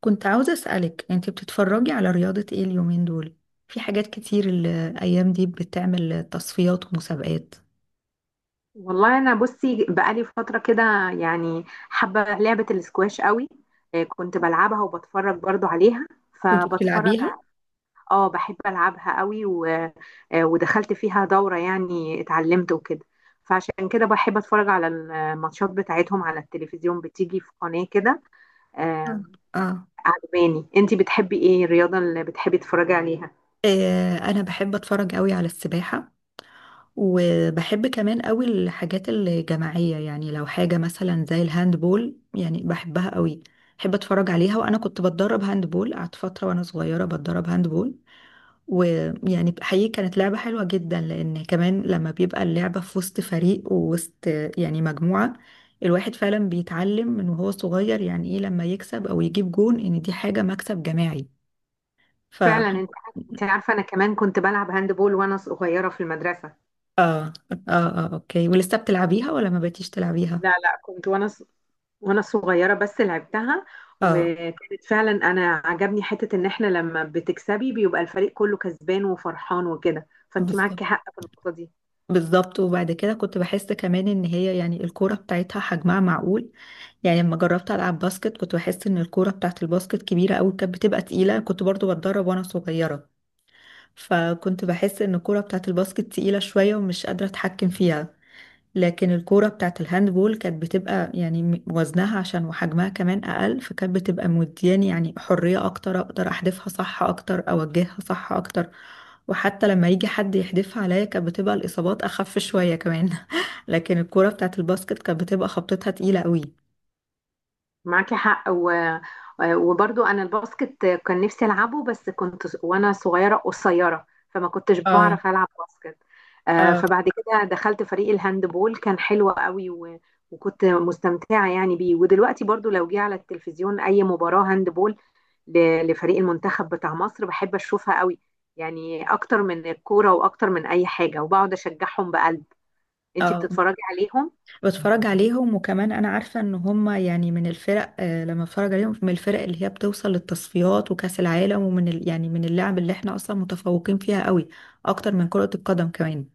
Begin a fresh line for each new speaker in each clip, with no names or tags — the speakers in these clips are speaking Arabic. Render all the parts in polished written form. كنت عاوزة أسألك أنت بتتفرجي على رياضة إيه اليومين دول؟ في حاجات كتير الأيام دي بتعمل تصفيات ومسابقات.
والله انا بصي بقالي فتره كده، يعني حابه لعبه الاسكواش قوي. كنت بلعبها وبتفرج برضو عليها،
كنت
فبتفرج.
بتلعبيها؟
اه، بحب العبها قوي و... آه، ودخلت فيها دوره، يعني اتعلمت وكده. فعشان كده بحب اتفرج على الماتشات بتاعتهم على التلفزيون، بتيجي في قناه كده.
آه.
آه،
آه،
عجباني. انتي بتحبي ايه الرياضه اللي بتحبي تتفرجي عليها؟
آه، أنا بحب أتفرج قوي على السباحة. وبحب كمان قوي الحاجات الجماعية، يعني لو حاجة مثلا زي الهاندبول يعني بحبها قوي. بحب أتفرج عليها، وأنا كنت بتدرب هاندبول. قعدت فترة وأنا صغيرة بتدرب هاندبول، ويعني حقيقي كانت لعبة حلوة جدا، لأن كمان لما بيبقى اللعبة في وسط فريق ووسط يعني مجموعة، الواحد فعلا بيتعلم من وهو صغير يعني إيه لما يكسب أو يجيب جون، إن دي حاجة مكسب جماعي. ف آه
فعلا، انت عارفه انا كمان كنت بلعب هاندبول وانا صغيره في المدرسه.
آه آه، أوكي. ولسه بتلعبيها ولا ما بقيتيش تلعبيها؟
لا لا، كنت وانا صغيره بس لعبتها.
آه.
وكانت فعلا، انا عجبني حته ان احنا لما بتكسبي بيبقى الفريق كله كسبان وفرحان وكده، فانت
بالظبط.
معاكي حق في النقطه دي.
بالظبط، وبعد كده كنت بحس كمان ان هي يعني الكورة بتاعتها حجمها معقول. يعني لما جربت العب باسكت كنت بحس ان الكورة بتاعت الباسكت كبيرة قوي، كانت بتبقى تقيلة. كنت برضو بتدرب وانا صغيرة. فكنت بحس ان الكورة بتاعت الباسكت تقيلة شوية ومش قادرة اتحكم فيها. لكن الكورة بتاعت الهاندبول كانت بتبقى يعني وزنها عشان وحجمها كمان اقل، فكانت بتبقى مدياني يعني حرية اكتر، اقدر احدفها صح اكتر، اوجهها صح اكتر. وحتى لما يجي حد يحدفها عليا كانت بتبقى الاصابات اخف شوية كمان. لكن الكورة بتاعت الباسكت كانت بتبقى خبطتها تقيلة قوي.
معاكي حق. وبرضو انا الباسكت كان نفسي العبه، بس كنت وانا صغيره قصيره، فما كنتش
اه.
بعرف العب باسكت.
اه.
فبعد كده دخلت فريق الهاندبول، كان حلو قوي وكنت مستمتعه يعني بيه. ودلوقتي برضو لو جه على التلفزيون اي مباراه هاندبول لفريق المنتخب بتاع مصر بحب اشوفها قوي، يعني اكتر من الكوره واكتر من اي حاجه، وبقعد اشجعهم بقلب. انتي
اه،
بتتفرجي عليهم؟
بتفرج عليهم. وكمان انا عارفة ان هما يعني من الفرق، لما بتفرج عليهم من الفرق اللي هي بتوصل للتصفيات وكأس العالم، ومن ال... يعني من اللعب اللي احنا اصلا متفوقين فيها قوي، اكتر من كرة القدم كمان.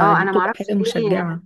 اه، انا
بتبقى
معرفش
حاجة
ليه،
مشجعة.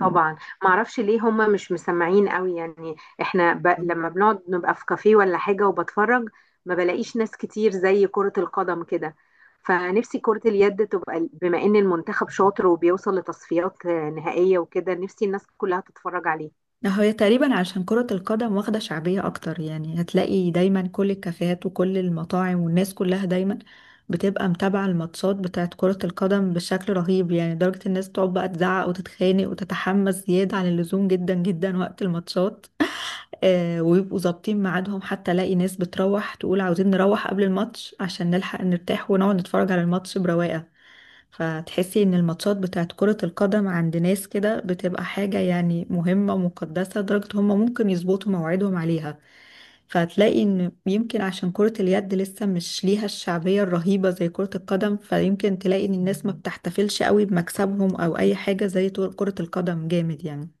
طبعا معرفش ليه هما مش مسمعين قوي، يعني احنا لما بنقعد نبقى في كافيه ولا حاجة وبتفرج ما بلاقيش ناس كتير زي كرة القدم كده. فنفسي كرة اليد تبقى، بما ان المنتخب شاطر وبيوصل لتصفيات نهائية وكده، نفسي الناس كلها تتفرج عليه.
ده هي تقريبا عشان كرة القدم واخدة شعبية أكتر، يعني هتلاقي دايما كل الكافيهات وكل المطاعم والناس كلها دايما بتبقى متابعة الماتشات بتاعت كرة القدم بشكل رهيب، يعني لدرجة الناس تقعد بقى تزعق وتتخانق وتتحمس زيادة عن اللزوم جدا جدا وقت الماتشات. آه، ويبقوا ظابطين ميعادهم، حتى الاقي ناس بتروح تقول عاوزين نروح قبل الماتش عشان نلحق نرتاح ونقعد نتفرج على الماتش برواقة. فتحسي ان الماتشات بتاعت كرة القدم عند ناس كده بتبقى حاجة يعني مهمة مقدسة، لدرجة هم ممكن يظبطوا مواعيدهم عليها. فهتلاقي ان يمكن عشان كرة اليد لسه مش ليها الشعبية الرهيبة زي كرة القدم، فيمكن تلاقي ان الناس ما بتحتفلش قوي بمكسبهم او اي حاجة زي كرة القدم جامد يعني.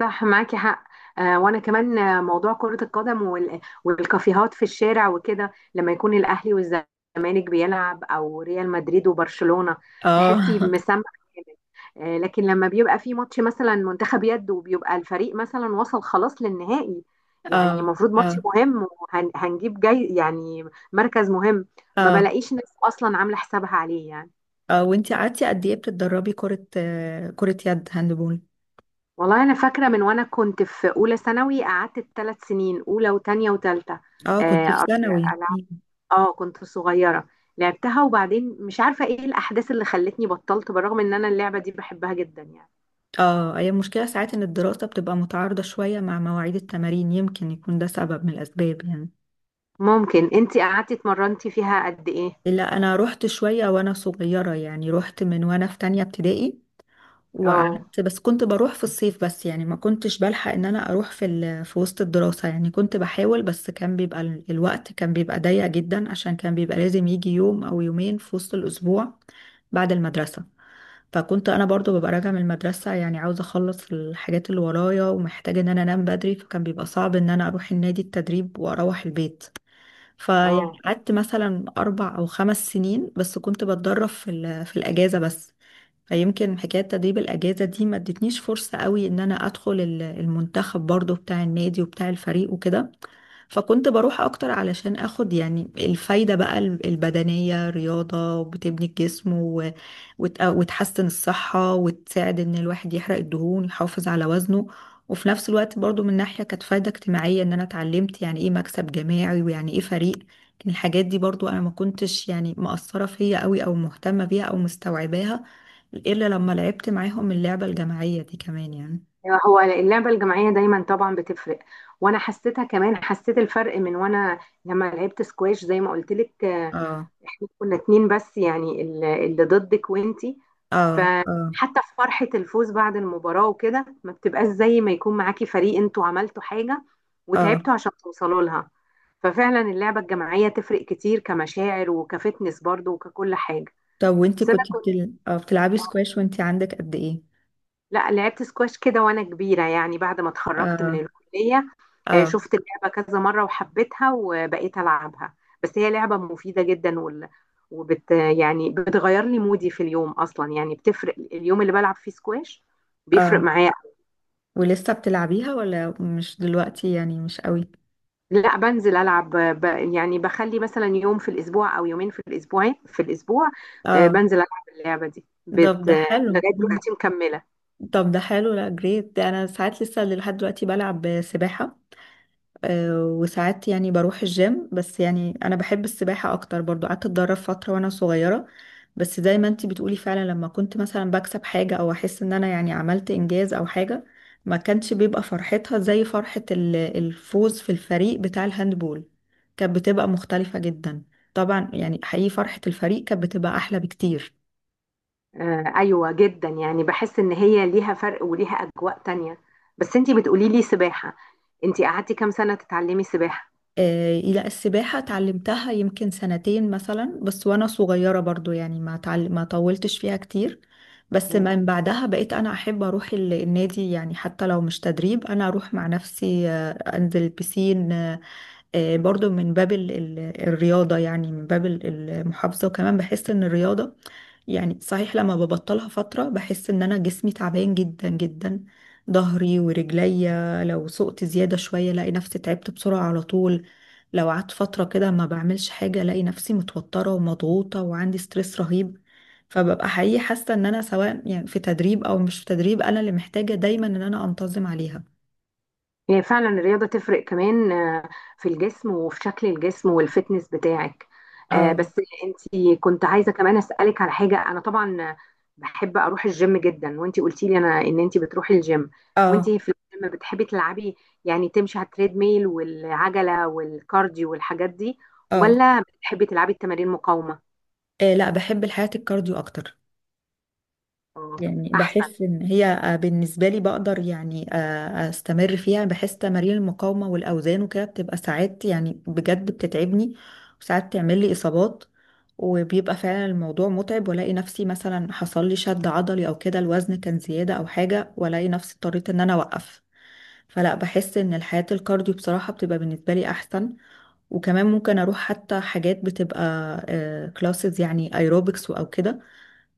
صح، معاكي حق. آه، وانا كمان، موضوع كرة القدم والكافيهات في الشارع وكده، لما يكون الاهلي والزمالك بيلعب او ريال مدريد وبرشلونة
اه.
تحسي بمسمع جامد. آه، لكن لما بيبقى في ماتش مثلا منتخب يد، وبيبقى الفريق مثلا وصل خلاص للنهائي، يعني
اه.
المفروض ماتش
اه.
مهم، وهنجيب جاي يعني مركز مهم، ما
اه.
بلاقيش ناس اصلا عاملة حسابها عليه يعني.
اه، وانتي قعدتي قد ايه بتتدربي كرة، كرة يد، هاندبول؟
والله انا فاكره، من وانا كنت في اولى ثانوي قعدت 3 سنين، اولى وتانية وتالتة.
اه
آه
كنتي في
أر-
ثانوي.
العب. اه، كنت صغيره، لعبتها. وبعدين مش عارفه ايه الاحداث اللي خلتني بطلت، بالرغم ان انا اللعبه دي بحبها جدا يعني.
اه، هي المشكلة ساعات ان الدراسة بتبقى متعارضة شوية مع مواعيد التمارين، يمكن يكون ده سبب من الاسباب يعني.
ممكن انتي قعدتي اتمرنتي فيها قد ايه؟
لا، انا رحت شوية وانا صغيرة، يعني رحت من وانا في تانية ابتدائي،
اه،
وقعدت، بس كنت بروح في الصيف بس، يعني ما كنتش بلحق ان انا اروح في وسط الدراسة، يعني كنت بحاول، بس كان بيبقى الوقت كان بيبقى ضيق جدا، عشان كان بيبقى لازم يجي يوم او يومين في وسط الاسبوع بعد المدرسة. فكنت انا برضو ببقى راجعه من المدرسه، يعني عاوزه اخلص الحاجات اللي ورايا ومحتاجه ان انا انام بدري، فكان بيبقى صعب ان انا اروح النادي التدريب واروح البيت. فيعني
اه.
قعدت مثلا اربع او خمس سنين، بس كنت بتدرب في الاجازه بس. فيمكن حكايه تدريب الاجازه دي ما ادتنيش فرصه قوي ان انا ادخل المنتخب برضو بتاع النادي وبتاع الفريق وكده. فكنت بروح اكتر علشان اخد يعني الفايدة بقى البدنية. رياضة وبتبني الجسم وتحسن الصحة وتساعد ان الواحد يحرق الدهون يحافظ على وزنه. وفي نفس الوقت برضو من ناحية كانت فايدة اجتماعية، ان انا اتعلمت يعني ايه مكسب جماعي ويعني ايه فريق. لكن الحاجات دي برضو انا ما كنتش يعني مأثرة فيا قوي او مهتمة بيها او مستوعباها، الا لما لعبت معاهم اللعبة الجماعية دي كمان يعني.
أيوة، هو اللعبة الجماعية دايما طبعا بتفرق. وانا حسيتها كمان، حسيت الفرق من وانا لما لعبت سكواش زي ما قلت لك.
اه.
احنا كنا اتنين بس، يعني اللي ضدك وانتي.
اه. اه.
فحتى في فرحة الفوز بعد المباراة وكده ما بتبقاش زي ما يكون معاكي فريق انتوا عملتوا حاجة
اه،
وتعبتوا عشان توصلوا لها. ففعلا اللعبة الجماعية تفرق كتير كمشاعر وكفتنس برضو وككل حاجة.
طب وانتي
بس انا
كنتي
كنت
بتلعبي سكواش وانتي عندك قد ايه؟
لا، لعبت سكواش كده وانا كبيرة، يعني بعد ما اتخرجت من
اه.
الكلية. آه،
اه.
شفت اللعبة كذا مرة وحبيتها وبقيت ألعبها. بس هي لعبة مفيدة جدا وال... وبت يعني بتغير لي مودي في اليوم أصلا، يعني بتفرق اليوم اللي بلعب فيه سكواش، بيفرق
اه،
معايا.
ولسه بتلعبيها ولا مش دلوقتي يعني مش قوي؟
لا، بنزل العب يعني بخلي مثلا يوم في الاسبوع او يومين في الاسبوع في الاسبوع،
اه،
بنزل العب. اللعبه دي
طب
بت... آه،
ده حلو.
لغايه
مم.
دلوقتي مكمله.
طب ده حلو، لا جريت ده انا ساعات لسه لحد دلوقتي بلعب سباحة. وساعات يعني بروح الجيم، بس يعني انا بحب السباحة اكتر. برضو قعدت اتدرب فترة وانا صغيرة، بس زي ما انتي بتقولي، فعلا لما كنت مثلا بكسب حاجة او احس ان انا يعني عملت انجاز او حاجة، ما كانش بيبقى فرحتها زي فرحة الفوز في الفريق بتاع الهاندبول، كانت بتبقى مختلفة جدا. طبعا يعني حقيقي فرحة الفريق كانت بتبقى احلى بكتير.
ايوه جدا، يعني بحس ان هي ليها فرق وليها اجواء تانية. بس انتي بتقولي لي سباحه، انتي قعدتي كام سنه تتعلمي سباحه؟
لا السباحة اتعلمتها يمكن سنتين مثلا بس، وأنا صغيرة برضو يعني ما طولتش فيها كتير. بس من بعدها بقيت أنا أحب أروح النادي، يعني حتى لو مش تدريب أنا أروح مع نفسي، أنزل بسين. برضو من باب الرياضة، يعني من باب المحافظة. وكمان بحس ان الرياضة يعني صحيح لما ببطلها فترة بحس ان انا جسمي تعبان جدا جدا. ظهري ورجليا لو سقت زيادة شوية الاقي نفسي تعبت بسرعة على طول. لو قعدت فترة كده ما بعملش حاجة الاقي نفسي متوترة ومضغوطة وعندي ستريس رهيب. فببقى حقيقي حاسة ان انا سواء يعني في تدريب او مش في تدريب انا اللي محتاجة دايما ان انا انتظم عليها.
هي فعلا الرياضة تفرق كمان في الجسم وفي شكل الجسم والفتنس بتاعك.
اه.
بس انتي كنت عايزة كمان أسألك على حاجة. أنا طبعا بحب أروح الجيم جدا، وانتي قلتي لي أنا إن انتي بتروحي الجيم.
اه.
وانتي في الجيم بتحبي تلعبي، يعني تمشي على التريد ميل والعجلة والكارديو والحاجات دي،
اه.
ولا بتحبي تلعبي التمارين مقاومة؟
آه، لا بحب الحياة الكارديو أكتر.
آه،
يعني
أحسن.
بحس إن هي، بالنسبة لي بقدر يعني أستمر فيها. بحس تمارين المقاومة والأوزان وكده بتبقى ساعات يعني بجد بتتعبني، وساعات تعمل لي إصابات، وبيبقى فعلا الموضوع متعب والاقي نفسي مثلا حصل لي شد عضلي او كده، الوزن كان زيادة او حاجة، والاقي نفسي اضطريت ان انا اوقف. فلا، بحس ان الحياة الكارديو بصراحة بتبقى بالنسبة لي احسن. وكمان ممكن اروح حتى حاجات بتبقى كلاسز، يعني ايروبكس او كده.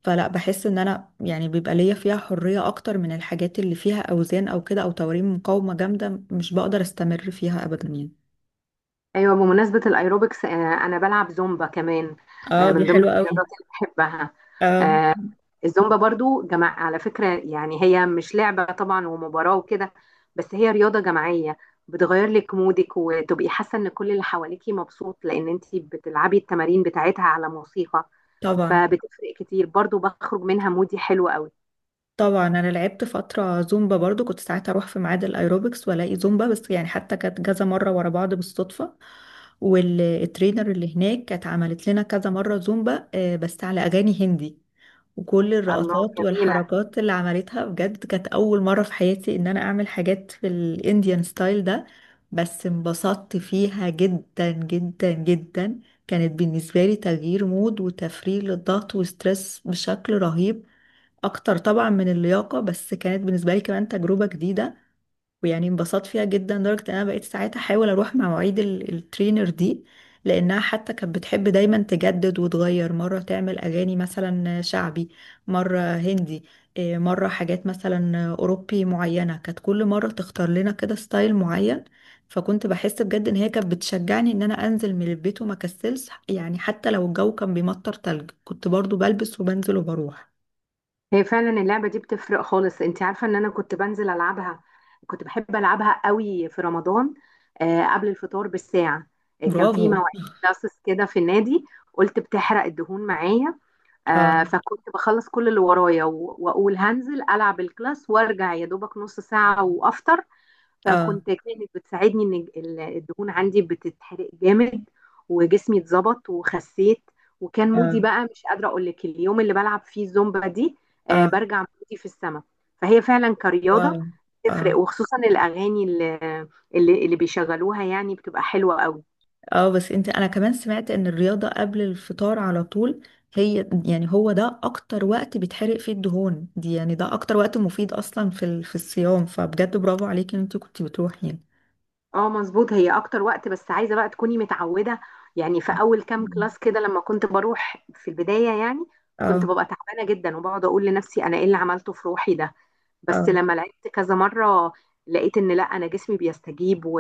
فلا بحس ان انا يعني بيبقى ليا فيها حرية اكتر من الحاجات اللي فيها اوزان او كده او تمارين مقاومة جامدة، مش بقدر استمر فيها ابدا يعني.
ايوه، بمناسبه الايروبكس، انا بلعب زومبا كمان.
اه دي
من ضمن
حلوة
الرياضات
قوي.
اللي بحبها.
اه.
آه، الزومبا برضو جماعة على فكره، يعني هي مش لعبه طبعا ومباراه وكده، بس هي رياضه جماعيه. بتغير لك مودك وتبقي حاسه ان كل اللي حواليكي مبسوط، لان انت بتلعبي التمارين بتاعتها على موسيقى.
طبعا.
فبتفرق كتير برضو، بخرج منها مودي حلو قوي.
طبعا انا لعبت فترة زومبا برضو. كنت ساعات اروح في ميعاد الايروبكس والاقي زومبا بس، يعني حتى كانت كذا مرة ورا بعض بالصدفة. والترينر اللي هناك كانت عملت لنا كذا مرة زومبا، بس على اغاني هندي. وكل
الله،
الرقصات
جميله.
والحركات اللي عملتها بجد كانت أول مرة في حياتي إن أنا أعمل حاجات في الإنديان ستايل ده. بس انبسطت فيها جدا جدا جدا. كانت بالنسبة لي تغيير مود وتفريغ للضغط وستريس بشكل رهيب، أكتر طبعا من اللياقة، بس كانت بالنسبة لي كمان تجربة جديدة. ويعني انبسطت فيها جدا لدرجة ان انا بقيت ساعتها احاول اروح مع مواعيد الترينر دي، لانها حتى كانت بتحب دايما تجدد وتغير. مرة تعمل اغاني مثلا شعبي، مرة هندي. إيه، مرة حاجات مثلا اوروبي معينة. كانت كل مرة تختار لنا كده ستايل معين. فكنت بحس بجد ان هي كانت بتشجعني ان انا انزل من البيت وما كسلش، يعني حتى لو الجو كان بيمطر تلج كنت برضو بلبس وبنزل وبروح.
هي فعلا اللعبة دي بتفرق خالص. انت عارفة ان انا كنت بنزل العبها، كنت بحب العبها قوي في رمضان، قبل الفطار بالساعة. كان في
برافو.
مواعيد كلاسز كده في النادي، قلت بتحرق الدهون معايا.
اه.
فكنت بخلص كل اللي ورايا واقول هنزل العب الكلاس وارجع يا دوبك نص ساعة وافطر.
اه.
كانت بتساعدني ان الدهون عندي بتتحرق جامد، وجسمي اتظبط وخسيت. وكان مودي
اه.
بقى مش قادره اقول لك اليوم اللي بلعب فيه الزومبا دي. آه،
اه.
برجع مودي في السما. فهي فعلا
واو.
كرياضه
اه.
تفرق، وخصوصا الاغاني اللي بيشغلوها يعني بتبقى حلوه قوي.
اه، بس انت انا كمان سمعت ان الرياضة قبل الفطار على طول هي يعني، هو ده اكتر وقت بيتحرق فيه الدهون دي، يعني ده اكتر وقت مفيد اصلا في الصيام. فبجد برافو عليكي ان انت كنت بتروحي يعني.
اه، مظبوط، هي اكتر وقت. بس عايزه بقى تكوني متعوده، يعني في
صح.
اول كام
مم.
كلاس كده لما كنت بروح في البدايه، يعني كنت
اه.
ببقى تعبانه جدا، وبقعد اقول لنفسي انا ايه اللي عملته في روحي ده. بس
اه.
لما لعبت كذا مرة لقيت ان لا، انا جسمي بيستجيب و...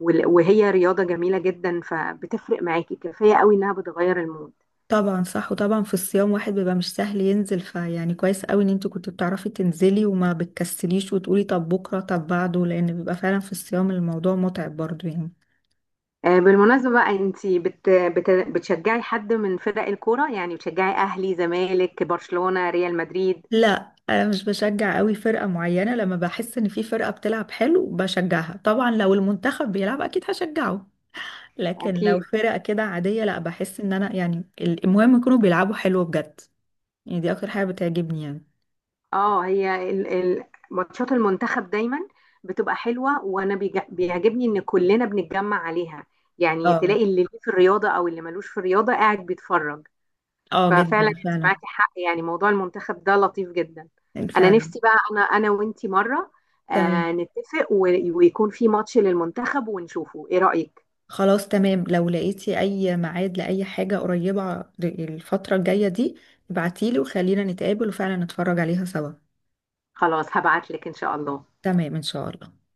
وال- وهي رياضة جميلة جدا، فبتفرق معاكي كفاية قوي انها بتغير المود.
طبعا صح. وطبعا في الصيام واحد بيبقى مش سهل ينزل، فيعني كويس قوي ان انت كنت بتعرفي تنزلي وما بتكسليش وتقولي طب بكرة طب بعده، لان بيبقى فعلا في الصيام الموضوع متعب برضو يعني.
بالمناسبة بقى، انتي بتشجعي حد من فرق الكورة؟ يعني بتشجعي اهلي، زمالك، برشلونة، ريال مدريد؟
لا، انا مش بشجع قوي فرقة معينة. لما بحس ان في فرقة بتلعب حلو بشجعها. طبعا لو المنتخب بيلعب اكيد هشجعه، لكن لو
اكيد.
فرقة كده عادية لا، بحس ان انا يعني المهم يكونوا بيلعبوا حلو بجد. يعني دي اكتر حاجة بتعجبني يعني.
اه، هي ماتشات المنتخب دايما بتبقى حلوة، وانا بيعجبني ان كلنا بنتجمع عليها، يعني
اه.
تلاقي اللي ليه في الرياضة او اللي ملوش في الرياضة قاعد بيتفرج.
اه، جدا
ففعلا انت
فعلا.
معاكي حق، يعني موضوع المنتخب ده لطيف جدا. انا
فعلا.
نفسي بقى، انا وانتي مره
تمام.
آه، نتفق ويكون في ماتش للمنتخب ونشوفه، ايه رأيك؟
خلاص تمام، لو لقيتي اي ميعاد لاي حاجة قريبة الفترة الجاية دي ابعتيلي وخلينا نتقابل وفعلا نتفرج عليها سوا.
خلاص، هبعت لك ان شاء الله.
تمام ان شاء الله.